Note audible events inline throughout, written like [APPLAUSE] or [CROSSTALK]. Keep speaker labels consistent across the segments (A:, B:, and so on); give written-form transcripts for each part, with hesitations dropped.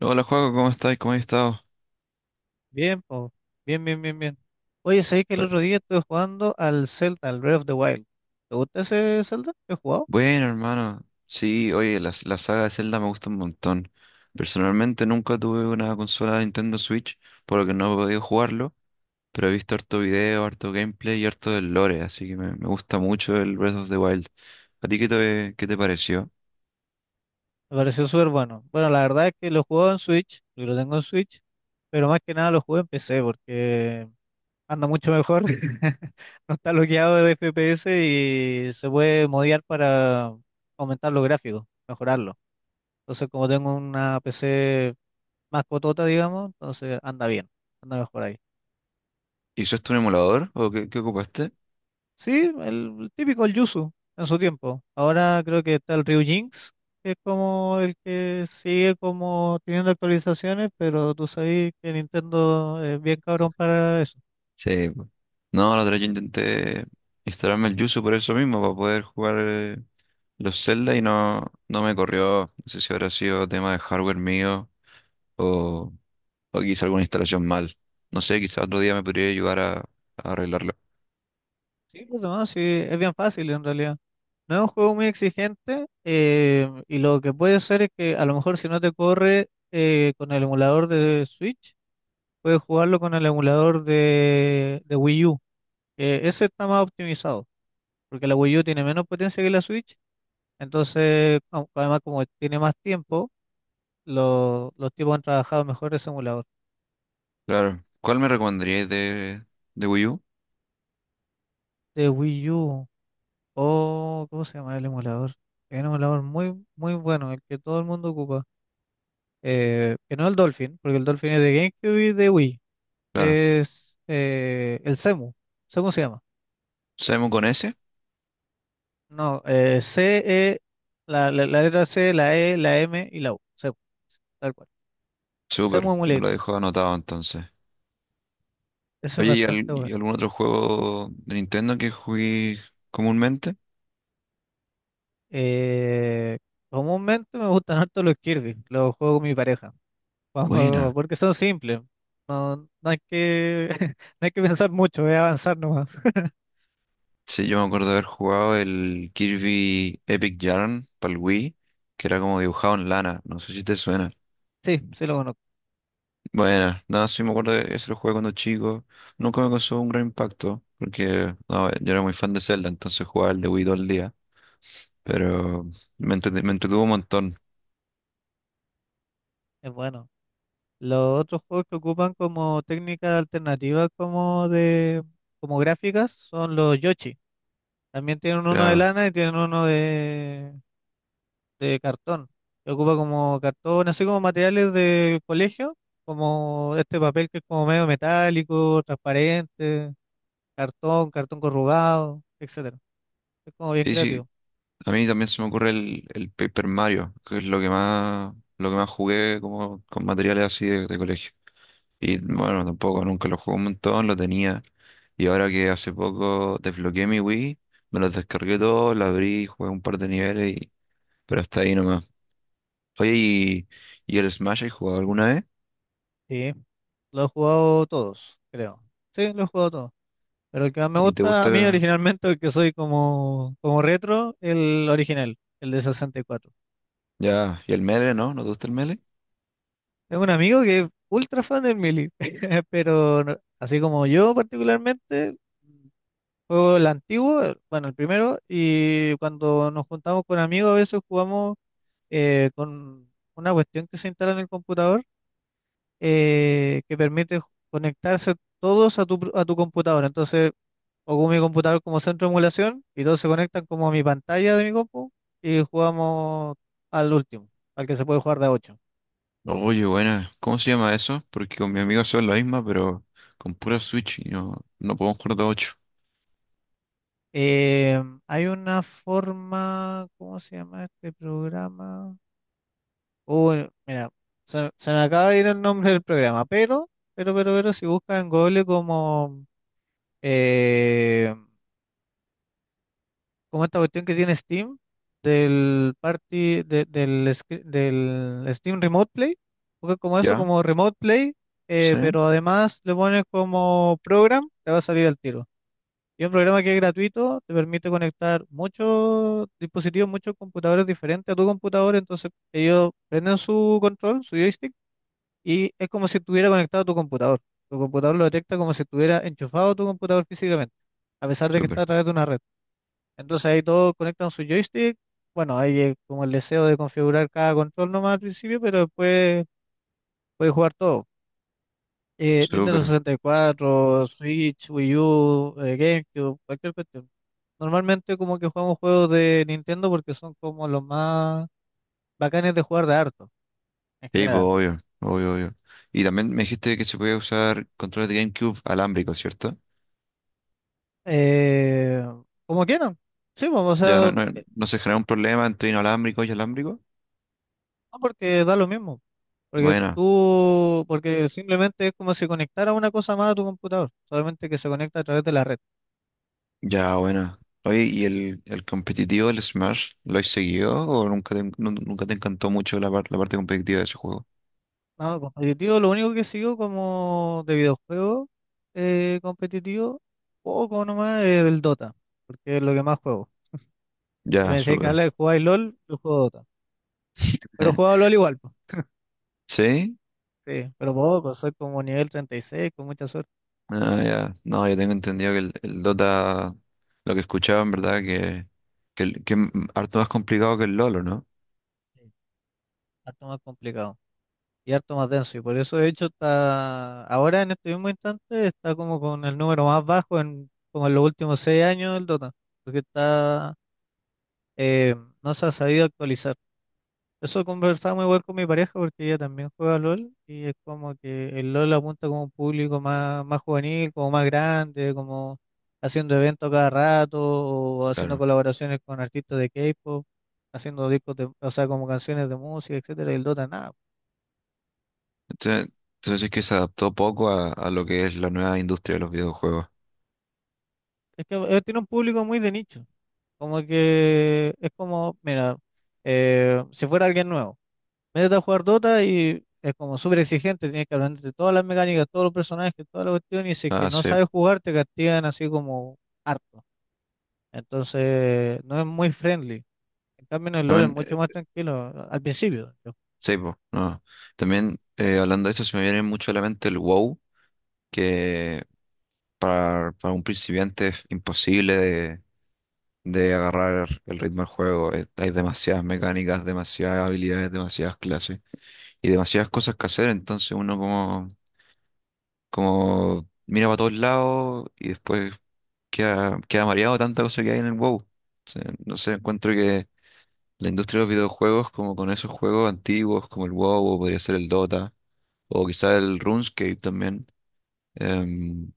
A: Hola, Juaco, ¿cómo estás? ¿Cómo has estado?
B: Bien, po. Bien, bien, bien, bien. Oye, sabéis que el
A: Bu-
B: otro día estuve jugando al Zelda, al Breath of the Wild. ¿Te gusta ese Zelda? ¿Lo he jugado?
A: Bueno, hermano. Sí, oye, la saga de Zelda me gusta un montón. Personalmente nunca tuve una consola de Nintendo Switch, por lo que no he podido jugarlo, pero he visto harto video, harto gameplay y harto del lore, así que me gusta mucho el Breath of the Wild. ¿A ti qué te pareció?
B: Me pareció súper bueno. Bueno, la verdad es que lo he jugado en Switch, yo lo tengo en Switch, pero más que nada lo jugué en PC porque anda mucho mejor. [LAUGHS] No está bloqueado de FPS y se puede modear para aumentar los gráficos, mejorarlo. Entonces, como tengo una PC más cotota, digamos, entonces anda bien, anda mejor ahí.
A: ¿Hiciste un emulador o qué ocupaste?
B: Sí, el típico el Yuzu en su tiempo. Ahora creo que está el Ryujinx, que es como el que sigue como teniendo actualizaciones, pero tú sabes que Nintendo es bien cabrón para eso.
A: Sí, po. No, la otra vez yo intenté instalarme el Yuzu por eso mismo, para poder jugar los Zelda y no me corrió. No sé si habrá sido tema de hardware mío o, o quizá alguna instalación mal. No sé, quizá otro día me podría ayudar a arreglarlo.
B: Sí, pues no, sí, es bien fácil en realidad. No es un juego muy exigente y lo que puede ser es que a lo mejor si no te corre con el emulador de Switch, puedes jugarlo con el emulador de Wii U, que ese está más optimizado, porque la Wii U tiene menos potencia que la Switch. Entonces, además como tiene más tiempo, los tipos han trabajado mejor ese emulador.
A: Claro. ¿Cuál me recomendaríais de Wii U?
B: De Wii U, o ¿cómo se llama el emulador? Es un emulador muy, muy bueno, el que todo el mundo ocupa. Que no es el Dolphin, porque el Dolphin es de GameCube y de Wii.
A: Claro.
B: Es el CEMU. ¿Cómo se llama?
A: ¿Samu con ese?
B: No, C, E, la letra C, la E, la M y la U. CEMU, tal cual.
A: Súper,
B: CEMU
A: me lo
B: Emulator.
A: dejo anotado entonces.
B: Ese es
A: Oye, ¿y, al-
B: bastante bueno.
A: y algún otro juego de Nintendo que jugué comúnmente?
B: Eh, Comúnmente me gustan harto los Kirby, los juego con mi pareja. [LAUGHS] Vamos,
A: Buena.
B: porque son simples, no, [LAUGHS] no hay que pensar mucho, es avanzar nomás. [LAUGHS]
A: Sí, yo me acuerdo de haber jugado el Kirby Epic Yarn para el Wii, que era como dibujado en lana. No sé si te suena.
B: Sí, sí lo conozco,
A: Bueno, nada, sí me acuerdo que ese lo jugué cuando chico. Nunca me causó un gran impacto, porque no, yo era muy fan de Zelda, entonces jugaba el de Wii todo el día. Pero me entretuvo un montón,
B: es bueno. Los otros juegos que ocupan como técnicas alternativas como gráficas son los Yoshi. También tienen uno de
A: claro.
B: lana y tienen uno de cartón, que ocupa como cartón, así como materiales de colegio, como este papel que es como medio metálico, transparente, cartón, cartón corrugado, etcétera. Es como bien
A: Sí, sí,
B: creativo.
A: a mí también se me ocurre el Paper Mario, que es lo que más jugué como con materiales así de colegio. Y bueno, tampoco, nunca lo jugué un montón, lo tenía. Y ahora que hace poco desbloqueé mi Wii, me los descargué todos, lo abrí, jugué un par de niveles, pero hasta ahí no. Oye, ¿y el Smash has jugado alguna vez?
B: Sí, lo he jugado todos, creo. Sí, lo he jugado todos. Pero el que más me
A: ¿Y te
B: gusta a mí
A: gusta?
B: originalmente, el que soy como, como retro, el original, el de 64.
A: Ya, ¿y el Melee, no? ¿No te gusta el Melee?
B: Tengo un amigo que es ultra fan del Mili, [LAUGHS] pero así como yo particularmente, juego el antiguo, bueno, el primero, y cuando nos juntamos con amigos a veces jugamos con una cuestión que se instala en el computador que permite conectarse todos a tu, a tu computador. Entonces, ocupo mi computador como centro de emulación y todos se conectan como a mi pantalla de mi compu y jugamos al último, al que se puede jugar de a 8.
A: Oye, bueno, ¿cómo se llama eso? Porque con mi amigo son la misma, pero con pura Switch y no podemos jugar de ocho.
B: Hay una forma, ¿cómo se llama este programa? Uy, mira, se me acaba de ir el nombre del programa, si buscas en Google como, eh, como esta cuestión que tiene Steam, del party, del Steam Remote Play, busca como eso,
A: ¿Ya?
B: como Remote Play,
A: ¿Sí?
B: pero además le pones como program, te va a salir al tiro. Y es un programa que es gratuito, te permite conectar muchos dispositivos, muchos computadores diferentes a tu computador. Entonces, ellos prenden su control, su joystick, y es como si estuviera conectado a tu computador. Tu computador lo detecta como si estuviera enchufado a tu computador físicamente, a pesar de que
A: Súper,
B: está a través de una red. Entonces, ahí todos conectan su joystick. Bueno, ahí es como el deseo de configurar cada control nomás al principio, pero después puedes jugar todo. Nintendo
A: súper.
B: 64, Switch, Wii U, GameCube, cualquier cuestión. Normalmente como que jugamos juegos de Nintendo porque son como los más bacanes de jugar de harto, en
A: Sí, pues,
B: general.
A: obvio, obvio, obvio. Y también me dijiste que se podía usar controles de GameCube alámbricos, ¿cierto?
B: Eh, Como quieran. Sí, pues, o
A: Ya, ¿no,
B: sea,
A: no, no se genera un problema entre inalámbrico y alámbrico?
B: no porque da lo mismo. Porque
A: Bueno,
B: tú, porque simplemente es como si conectara una cosa más a tu computador, solamente que se conecta a través de la red.
A: ya, bueno. Oye, ¿y el competitivo del Smash lo has seguido o nunca te encantó mucho la parte competitiva de ese juego?
B: No, competitivo, lo único que sigo como de videojuego competitivo, poco nomás es el Dota, porque es lo que más juego. Y me
A: Ya,
B: decía que
A: súper.
B: habla de jugar LOL, yo juego Dota. Pero juego
A: [LAUGHS]
B: LOL igual, pues.
A: ¿Sí?
B: Sí, pero poco, soy como nivel 36, con mucha suerte.
A: Ah, ya. No, yo tengo entendido que el Dota, lo que escuchaba en verdad, que es harto más complicado que el LoL, ¿o no?
B: Sí, harto más complicado y harto más denso. Y por eso, de hecho, está ahora en este mismo instante, está como con el número más bajo en como en los últimos 6 años del Dota, porque está eh, no se ha sabido actualizar. Eso conversaba muy igual con mi pareja porque ella también juega LOL y es como que el LOL apunta como un público más, más juvenil, como más grande, como haciendo eventos cada rato o haciendo
A: Claro.
B: colaboraciones con artistas de K-pop, haciendo discos de, o sea, como canciones de música, etcétera, y el Dota nada.
A: Entonces, entonces es que se adaptó poco a lo que es la nueva industria de los videojuegos.
B: Es que tiene un público muy de nicho, como que es como, mira, si fuera alguien nuevo. Métete a jugar Dota y es como súper exigente, tienes que aprenderte todas las mecánicas, todos los personajes, toda la cuestión, y si es que
A: Ah,
B: no
A: sí.
B: sabes jugar, te castigan así como harto. Entonces, no es muy friendly. En cambio, en el LoL es
A: También,
B: mucho más tranquilo, al principio,
A: sí, po, no. También, hablando de eso, se me viene mucho a la mente el WoW, que para un principiante es imposible de agarrar el ritmo del juego. Hay demasiadas mecánicas, demasiadas habilidades, demasiadas clases y demasiadas cosas que hacer. Entonces uno como mira para todos lados y después queda mareado de tanta cosa que hay en el WoW. No sé, encuentro que la industria de los videojuegos, como con esos juegos antiguos como el WoW o podría ser el Dota o quizá el RuneScape también. em,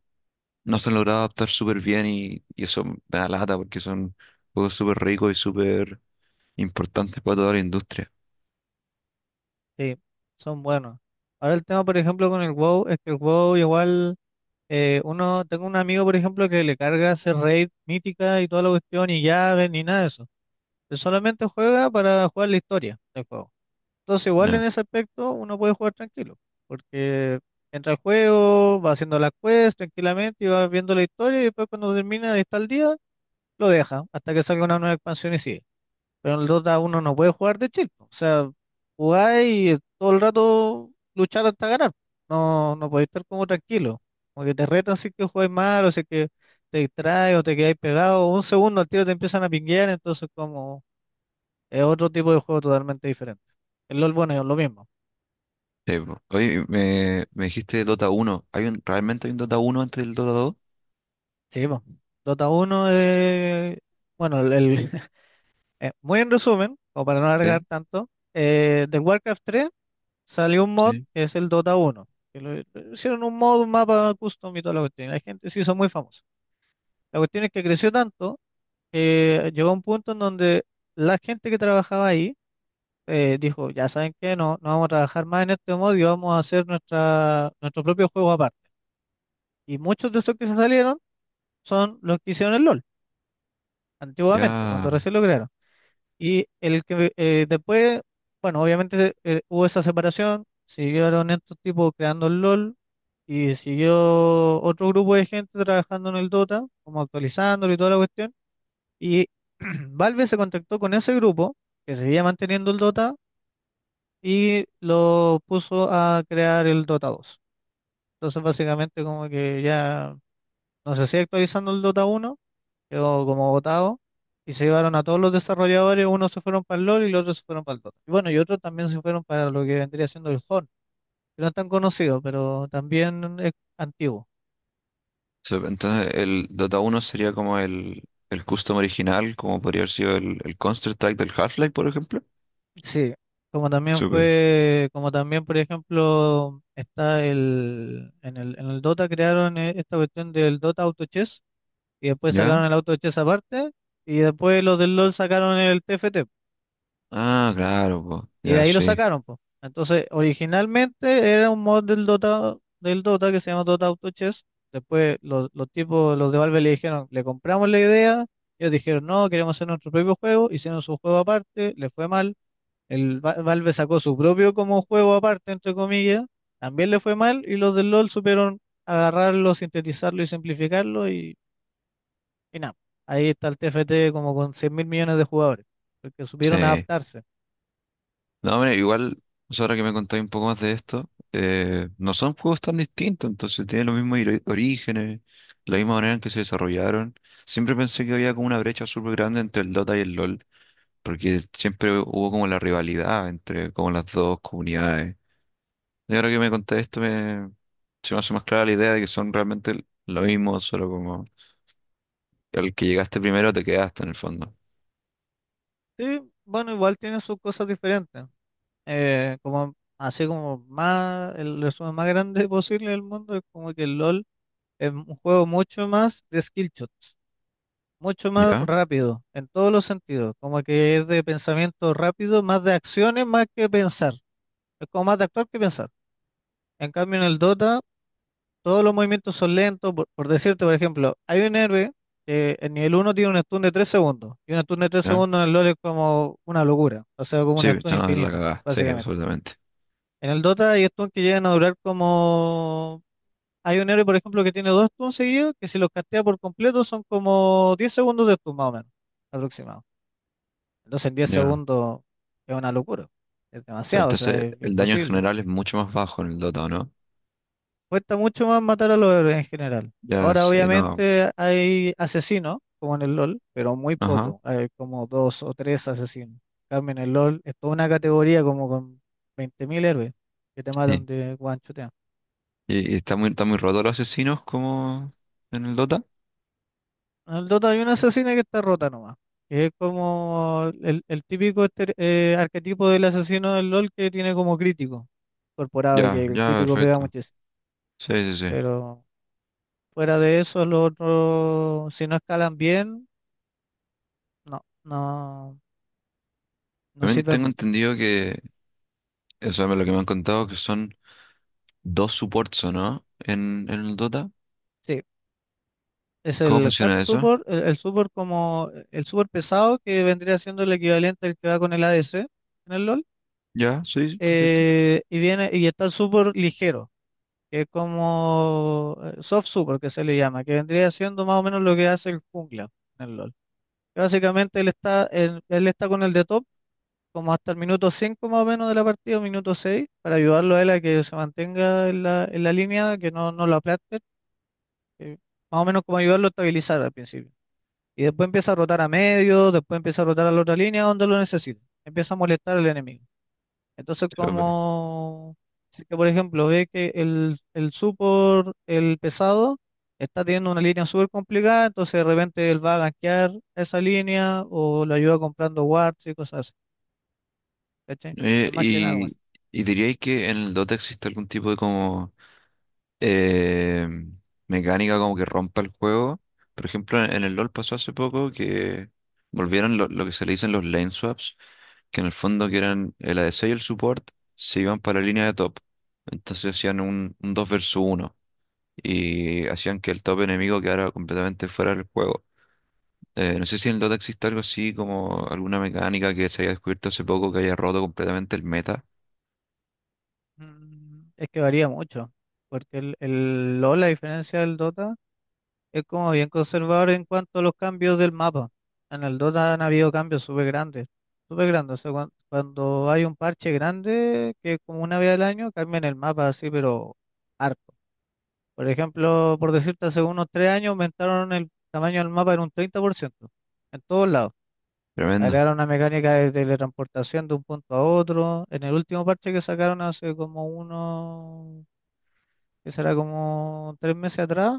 A: no se han logrado adaptar súper bien y eso me da lata porque son juegos súper ricos y súper importantes para toda la industria.
B: sí, son buenos. Ahora el tema, por ejemplo, con el WoW, es que el WoW igual, uno, tengo un amigo, por ejemplo, que le carga hacer raid mítica y toda la cuestión, y llaves, ni nada de eso. Él solamente juega para jugar la historia del juego. Entonces, igual en
A: Ya.
B: ese aspecto uno puede jugar tranquilo, porque entra al juego, va haciendo las quests tranquilamente y va viendo la historia y después cuando termina de estar al día, lo deja hasta que salga una nueva expansión y sigue. Pero en el Dota uno no puede jugar de chill, po. O sea, jugáis y todo el rato luchar hasta ganar. No, no podéis estar como tranquilo, como que te retan si es que jugáis mal o si es que te distraes o te quedáis pegado, un segundo al tiro te empiezan a pinguear, entonces como es otro tipo de juego totalmente diferente. El LoL, bueno, es lo mismo.
A: Sí, po. Oye, me dijiste Dota uno. ¿Hay realmente hay un Dota uno antes del Dota dos?
B: Sí, po. Dota uno es, bueno, [LAUGHS] muy en resumen, o para no alargar
A: Sí.
B: tanto, del Warcraft tres salió un mod
A: Sí.
B: que es el Dota uno, que lo hicieron un mod, un mapa custom y toda la cuestión. Y la gente se hizo muy famosa. La cuestión es que creció tanto que llegó a un punto en donde la gente que trabajaba ahí dijo, ya saben qué no, no vamos a trabajar más en este mod y vamos a hacer nuestro propio juego aparte. Y muchos de esos que se salieron son los que hicieron el LOL antiguamente, cuando
A: Ya.
B: recién lo crearon. Y el que después, bueno, obviamente hubo esa separación, siguieron estos tipos creando el LOL y siguió otro grupo de gente trabajando en el Dota, como actualizándolo y toda la cuestión. Y [CLEARS THROAT] Valve se contactó con ese grupo que seguía manteniendo el Dota y lo puso a crear el Dota dos. Entonces, básicamente, como que ya no se sigue actualizando el Dota uno, quedó como votado, y se llevaron a todos los desarrolladores, unos se fueron para el LoL y los otros se fueron para el Dota. Y bueno, y otros también se fueron para lo que vendría siendo el Horn, que no es tan conocido, pero también es antiguo.
A: Entonces, el Dota uno sería como el custom original, como podría haber sido el Counter-Strike del Half-Life, por ejemplo.
B: Sí, como también
A: Súper.
B: fue, como también, por ejemplo, está el, en el, en el Dota crearon esta cuestión del Dota Auto Chess, y después
A: ¿Ya?
B: sacaron el Auto Chess aparte, y después los del LoL sacaron el TFT.
A: Ah, claro, po.
B: Y de
A: Ya,
B: ahí lo
A: sí.
B: sacaron, pues. Entonces, originalmente era un mod del Dota que se llama Dota Auto Chess. Después los tipos, los de Valve le dijeron, le compramos la idea. Ellos dijeron, no, queremos hacer nuestro propio juego. Hicieron su juego aparte, le fue mal. El Valve sacó su propio como juego aparte, entre comillas. También le fue mal. Y los del LoL supieron agarrarlo, sintetizarlo y simplificarlo. Y nada, ahí está el TFT como con 100 mil millones de jugadores. Porque supieron
A: Sí.
B: adaptarse.
A: No, hombre, igual, o sea, ahora que me contáis un poco más de esto, no son juegos tan distintos, entonces tienen los mismos orígenes, la misma manera en que se desarrollaron. Siempre pensé que había como una brecha súper grande entre el Dota y el LoL, porque siempre hubo como la rivalidad entre como las dos comunidades. Y ahora que me contáis esto, se me hace más clara la idea de que son realmente lo mismo, solo como el que llegaste primero te quedaste en el fondo.
B: Sí, bueno, igual tiene sus cosas diferentes. Así como más, el resumen más grande [LAUGHS] posible del mundo es como que el LOL es un juego mucho más de skill shots, mucho más
A: ¿Ya?
B: rápido, en todos los sentidos. Como que es de pensamiento rápido, más de acciones, más que pensar. Es como más de actuar que pensar. En cambio, en el Dota todos los movimientos son lentos, por decirte, por ejemplo, hay un héroe que en nivel uno tiene un stun de 3 segundos, y un stun de tres
A: ¿Ya?
B: segundos en el LoL es como una locura, o sea, como un
A: Sí,
B: stun
A: no, es la
B: infinito,
A: cagada, sí,
B: básicamente.
A: absolutamente.
B: En el Dota hay stuns que llegan a durar como... Hay un héroe, por ejemplo, que tiene dos stuns seguidos, que si los castea por completo son como 10 segundos de stun, más o menos, aproximado. Entonces, en diez
A: Ya. No.
B: segundos es una locura, es demasiado, o sea,
A: Entonces,
B: es
A: el daño en
B: imposible.
A: general es mucho más bajo en el Dota, ¿no?
B: Cuesta mucho más matar a los héroes en general.
A: Ya,
B: Ahora,
A: sí, no.
B: obviamente, hay asesinos, como en el LOL, pero muy
A: Ajá.
B: poco. Hay como dos o tres asesinos. En cambio, en el LOL es toda una categoría como con 20.000 héroes que te matan
A: Sí.
B: de guanchotean.
A: Y está muy roto los asesinos como en el Dota.
B: En el Dota hay una asesina que está rota nomás. Que es como el típico arquetipo del asesino del LOL que tiene como crítico incorporado y que
A: Ya,
B: el
A: ya,
B: crítico pega
A: perfecto.
B: muchísimo.
A: Sí, sí, sí.
B: Pero fuera de eso, los otros, si no escalan bien, no, no. No
A: También
B: sirve
A: tengo
B: mucho.
A: entendido que, o sea, lo que me han contado que son dos supports, ¿o no? En el Dota.
B: Sí, es
A: ¿Cómo
B: el hard
A: funciona eso?
B: support, el support como el support pesado que vendría siendo el equivalente al que va con el ADC en el LoL.
A: Ya, sí, sí, perfecto.
B: Y viene y está el support ligero, que es como soft support que se le llama, que vendría siendo más o menos lo que hace el jungla en el LoL. Que básicamente él está con el de top como hasta el minuto 5 más o menos de la partida, o minuto 6 para ayudarlo a él a que se mantenga en la línea, que no, no lo aplaste, que más o menos como ayudarlo a estabilizar al principio. Y después empieza a rotar a medio, después empieza a rotar a la otra línea donde lo necesita. Empieza a molestar al enemigo. Entonces,
A: Sí, bueno.
B: como si es que, por ejemplo, ve que el support, el pesado, está teniendo una línea súper complicada, entonces de repente él va a gankear esa línea o lo ayuda comprando wards y cosas así. ¿Cachai?
A: Eh,
B: Es más que nada como eso.
A: y, y diríais que en el Dota existe algún tipo de como eh, mecánica como que rompa el juego. Por ejemplo, en el LoL pasó hace poco que volvieron lo que se le dicen los lane swaps, que en el fondo que eran el ADC y el support se iban para la línea de top. Entonces hacían un 2 versus uno y hacían que el top enemigo quedara completamente fuera del juego. No sé si en el Dota existe algo así como alguna mecánica que se haya descubierto hace poco que haya roto completamente el meta.
B: Es que varía mucho, porque el LoL, a diferencia del Dota, es como bien conservador en cuanto a los cambios del mapa. En el Dota han habido cambios súper grandes, súper grandes. O sea, cuando hay un parche grande, que es como una vez al año, cambian el mapa así, pero harto. Por ejemplo, por decirte, hace unos 3 años aumentaron el tamaño del mapa en un 30% en todos lados.
A: Tremendo.
B: Agregaron una mecánica de teletransportación de un punto a otro. En el último parche que sacaron hace como uno, que será como 3 meses atrás,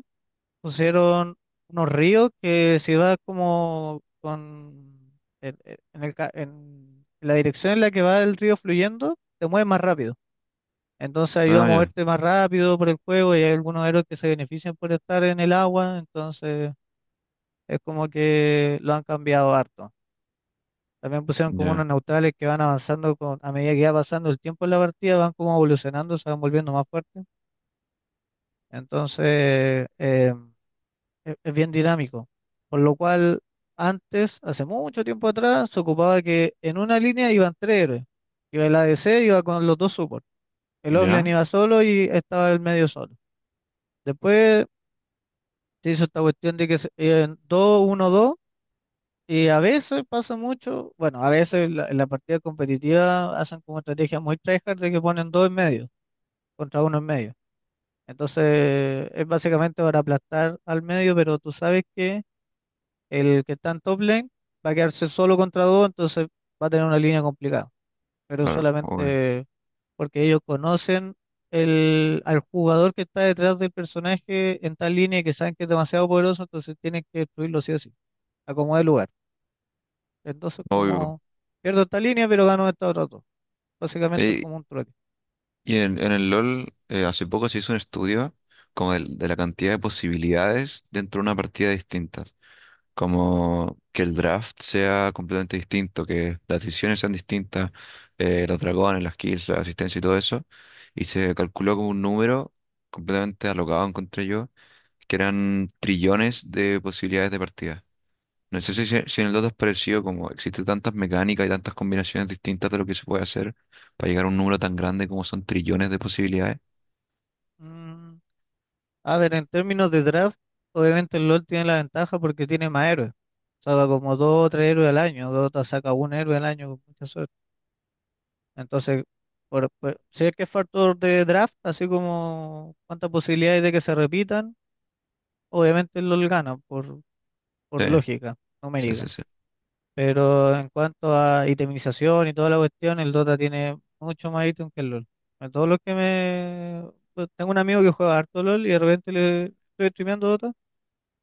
B: pusieron unos ríos que se va como con en la dirección en la que va el río fluyendo, te mueve más rápido. Entonces ayuda a
A: Ah, ya,
B: moverte más rápido por el juego y hay algunos héroes que se benefician por estar en el agua, entonces es como que lo han cambiado harto. También pusieron como unos
A: ya,
B: neutrales que van avanzando con, a medida que va pasando el tiempo en la partida, van como evolucionando, se van volviendo más fuertes. Entonces, es bien dinámico. Por lo cual, antes, hace mucho tiempo atrás, se ocupaba que en una línea iban tres héroes. Iba el ADC, iba con los dos supports. El offlane
A: ya.
B: iba solo y estaba el medio solo. Después se hizo esta cuestión de que iban 2-1-2. Y a veces pasa mucho, bueno, a veces en la partida competitiva hacen como estrategia muy tryhard de que ponen dos en medio contra uno en medio. Entonces es básicamente para aplastar al medio, pero tú sabes que el que está en top lane va a quedarse solo contra dos, entonces va a tener una línea complicada. Pero
A: Claro, obvio.
B: solamente porque ellos conocen al jugador que está detrás del personaje en tal línea y que saben que es demasiado poderoso, entonces tienen que destruirlo sí o sí, acomodar el lugar. Entonces,
A: Obvio.
B: como pierdo esta línea, pero gano esta otra dos. Básicamente es
A: Eh,
B: como un trueque.
A: Y en el LOL hace poco se hizo un estudio como de la cantidad de posibilidades dentro de una partida distintas. Como que el draft sea completamente distinto, que las decisiones sean distintas, los dragones, las kills, la asistencia y todo eso. Y se calculó como un número completamente alocado, encontré yo, que eran trillones de posibilidades de partida. No sé si en el Dota es parecido, como existen tantas mecánicas y tantas combinaciones distintas de lo que se puede hacer para llegar a un número tan grande como son trillones de posibilidades.
B: Mm, a ver, en términos de draft, obviamente el LoL tiene la ventaja porque tiene más héroes. Saca como dos o tres héroes al año, Dota saca un héroe al año con mucha suerte. Entonces, si es que es factor de draft, así como cuántas posibilidades de que se repitan, obviamente el LoL gana por,
A: Sí,
B: por lógica
A: sí,
B: numérica.
A: sí, sí.
B: Pero en cuanto a itemización y toda la cuestión, el Dota tiene mucho más ítem que el LoL. A todos los que me... pues, tengo un amigo que juega harto LoL y de repente le estoy streameando Dota.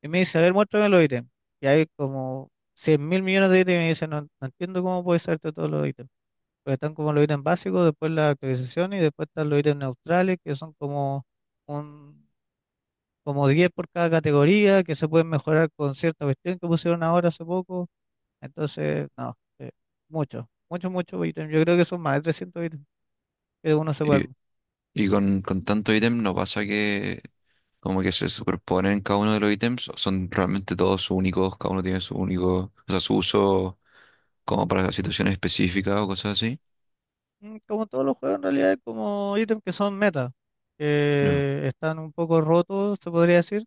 B: Y me dice, a ver, muéstrame los ítems. Y hay como 100.000 millones de ítems. Y me dice, no, no entiendo cómo puedes serte todos los ítems. Porque están como los ítems básicos, después la actualización y después están los ítems neutrales, que son como un, como 10 por cada categoría, que se pueden mejorar con cierta cuestión que pusieron ahora hace poco. Entonces, no, mucho, mucho, mucho ítem. Yo creo que son más de 300 ítems que uno se puede
A: Y,
B: armar.
A: y con tanto ítem no pasa que como que se superponen cada uno de los ítems, o son realmente todos únicos, cada uno tiene su único, o sea, su uso como para situaciones específicas o cosas así.
B: Como todos los juegos, en realidad, hay como ítems que son meta,
A: Ya,
B: que están un poco rotos, se podría decir.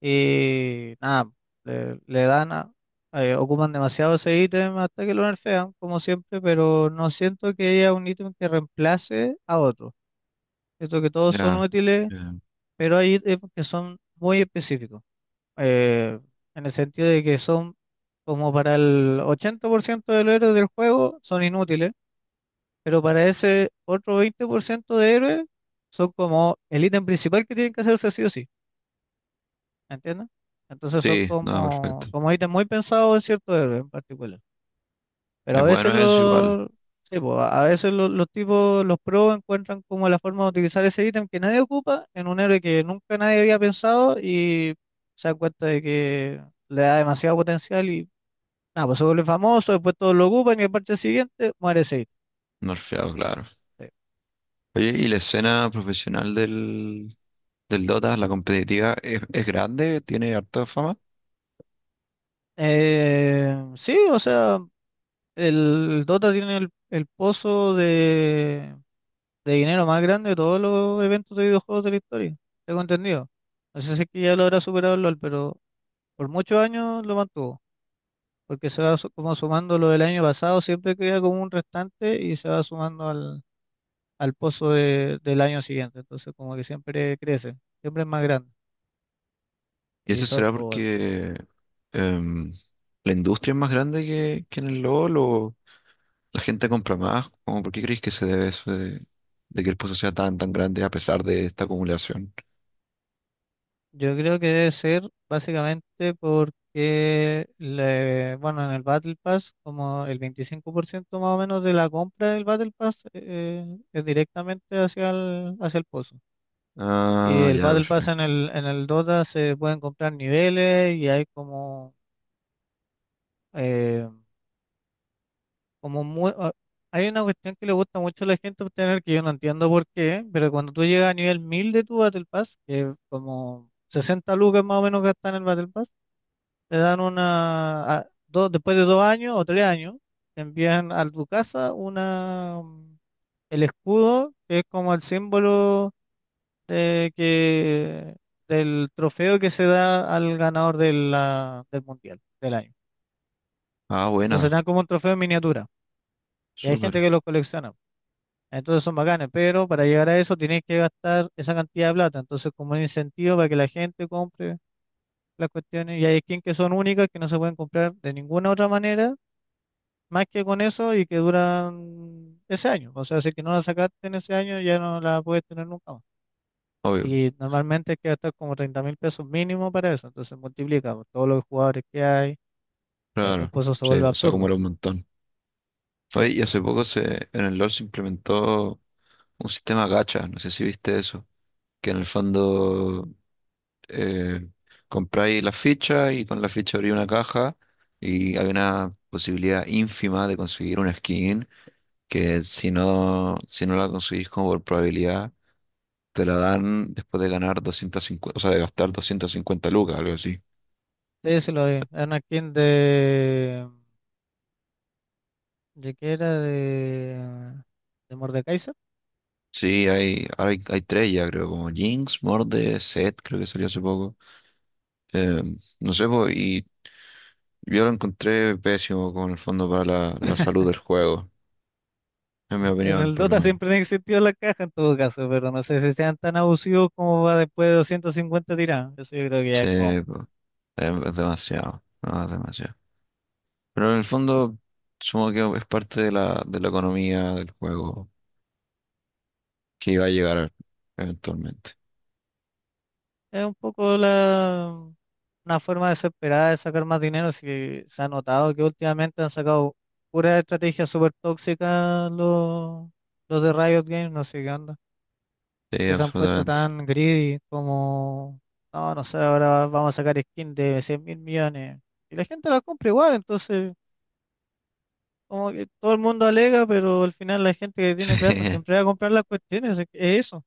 B: Y nada, le, le dan a- ocupan demasiado ese ítem hasta que lo nerfean, como siempre, pero no siento que haya un ítem que reemplace a otro. Siento que todos son
A: ya,
B: útiles,
A: ya.
B: pero hay ítems que son muy específicos. eh, en el sentido de que son como para el 80% de los héroes del juego son inútiles, pero para ese otro 20% de héroes son como el ítem principal que tienen que hacerse sí o sí. ¿Entiendes? Entonces son
A: Sí, no,
B: como,
A: perfecto.
B: como ítems muy pensados en cierto héroe en particular. Pero a
A: Es
B: veces
A: bueno, es igual,
B: los, sí, po, a veces los tipos, los pros encuentran como la forma de utilizar ese ítem que nadie ocupa en un héroe que nunca nadie había pensado y se dan cuenta de que le da demasiado potencial y nada, pues se vuelve famoso, después todos lo ocupan y el parche siguiente muere ese ítem.
A: nerfeado, claro.
B: Sí.
A: Oye, ¿y la escena profesional del Dota, la competitiva es grande, tiene harta fama?
B: Sí, o sea, Dota tiene el pozo de dinero más grande de todos los eventos de videojuegos de la historia. Tengo entendido. No sé si es que ya lo habrá superado el LOL, pero por muchos años lo mantuvo, porque se va como sumando lo del año pasado, siempre queda como un restante y se va sumando al pozo del año siguiente. Entonces como que siempre crece, siempre es más grande.
A: Y
B: Y
A: eso
B: eso,
A: será
B: o
A: porque em, la industria es más grande que en el LoL o la gente compra más. ¿Cómo por qué creéis que se debe eso de que el pozo sea tan grande a pesar de esta acumulación?
B: yo creo que debe ser básicamente porque, bueno, en el Battle Pass, como el 25% más o menos de la compra del Battle Pass es directamente hacia el pozo. Y
A: Ah,
B: el
A: ya,
B: Battle Pass en
A: perfecto.
B: el Dota se pueden comprar niveles y hay como, eh, como mu- ah, hay una cuestión que le gusta mucho a la gente obtener que yo no entiendo por qué, pero cuando tú llegas a nivel 1000 de tu Battle Pass, que es como 60 lucas más o menos gastan en el Battle Pass, te dan dos, después de dos años o tres años, te envían a tu casa el escudo, que es como el símbolo de que, del trofeo que se da al ganador de del mundial del año.
A: Ah,
B: Entonces
A: buena,
B: dan como un trofeo en miniatura. Y hay gente
A: súper,
B: que los colecciona. Entonces son bacanes, pero para llegar a eso tienes que gastar esa cantidad de plata. Entonces, como un incentivo para que la gente compre las cuestiones. Y hay skins que son únicas, que no se pueden comprar de ninguna otra manera más que con eso y que duran ese año. O sea, si que no la sacaste en ese año, ya no la puedes tener nunca más.
A: obvio,
B: Y normalmente es que gastar como 30.000 pesos mínimo para eso. Entonces multiplica por todos los jugadores que hay. El
A: claro.
B: pozo se
A: Sí,
B: vuelve
A: pues, se
B: absurdo.
A: acumula un montón. Oye,
B: Sí.
A: y hace poco en el LoL se implementó un sistema gacha, no sé si viste eso, que en el fondo eh, compráis la ficha y con la ficha abrí una caja y hay una posibilidad ínfima de conseguir una skin que si no la conseguís como por probabilidad, te la dan después de ganar 250 o sea, de gastar 250 lucas, algo así.
B: Entonces se lo vi. Anakin de... ¿De qué era? ¿De Mordekaiser?
A: Sí, hay tres ya, creo, como Jinx, Morde, Zed, creo que salió hace poco. Eh, no sé, po, y yo lo encontré pésimo con el fondo para la salud del juego, en mi
B: En
A: opinión,
B: el
A: por lo
B: Dota
A: menos.
B: siempre han existido las cajas en todo caso, pero no sé si sean tan abusivos como va después de 250 tiradas. Eso yo creo que ya es como...
A: Sí, pues. Es demasiado, no, es demasiado. Pero en el fondo, supongo que es parte de la economía del juego que iba a llegar eventualmente.
B: Es un poco una forma desesperada de sacar más dinero, si se ha notado que últimamente han sacado pura estrategia súper tóxicas los de Riot Games, no sé qué onda,
A: Sí,
B: que se han puesto
A: absolutamente.
B: tan greedy como, no, no sé, ahora vamos a sacar skin de 100.000 millones. Y la gente la compra igual, entonces, como que todo el mundo alega, pero al final la gente que tiene plata siempre
A: [LAUGHS]
B: va a comprar las cuestiones, es eso.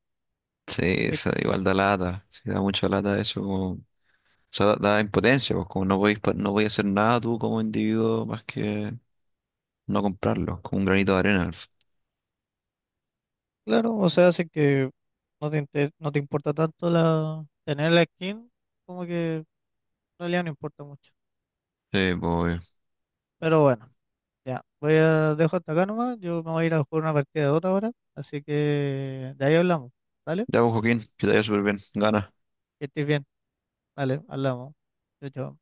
A: Sí, sí, esa igual da lata. Sí, da mucha lata eso. Como, o sea, da impotencia, pues como no podéis, no podéis hacer nada tú como individuo más que no comprarlo, como un granito de arena. Sí,
B: Claro, o sea, hace que no te importa tanto la tener la skin, como que en realidad no importa mucho.
A: pues.
B: Pero bueno, ya, voy a dejo hasta acá nomás, yo me voy a ir a jugar una partida de otra ahora, así que de ahí hablamos, ¿vale?
A: Ya, pues, Joaquín, que te vaya súper bien. Gana.
B: Que estés bien, dale, hablamos. Chao, chao.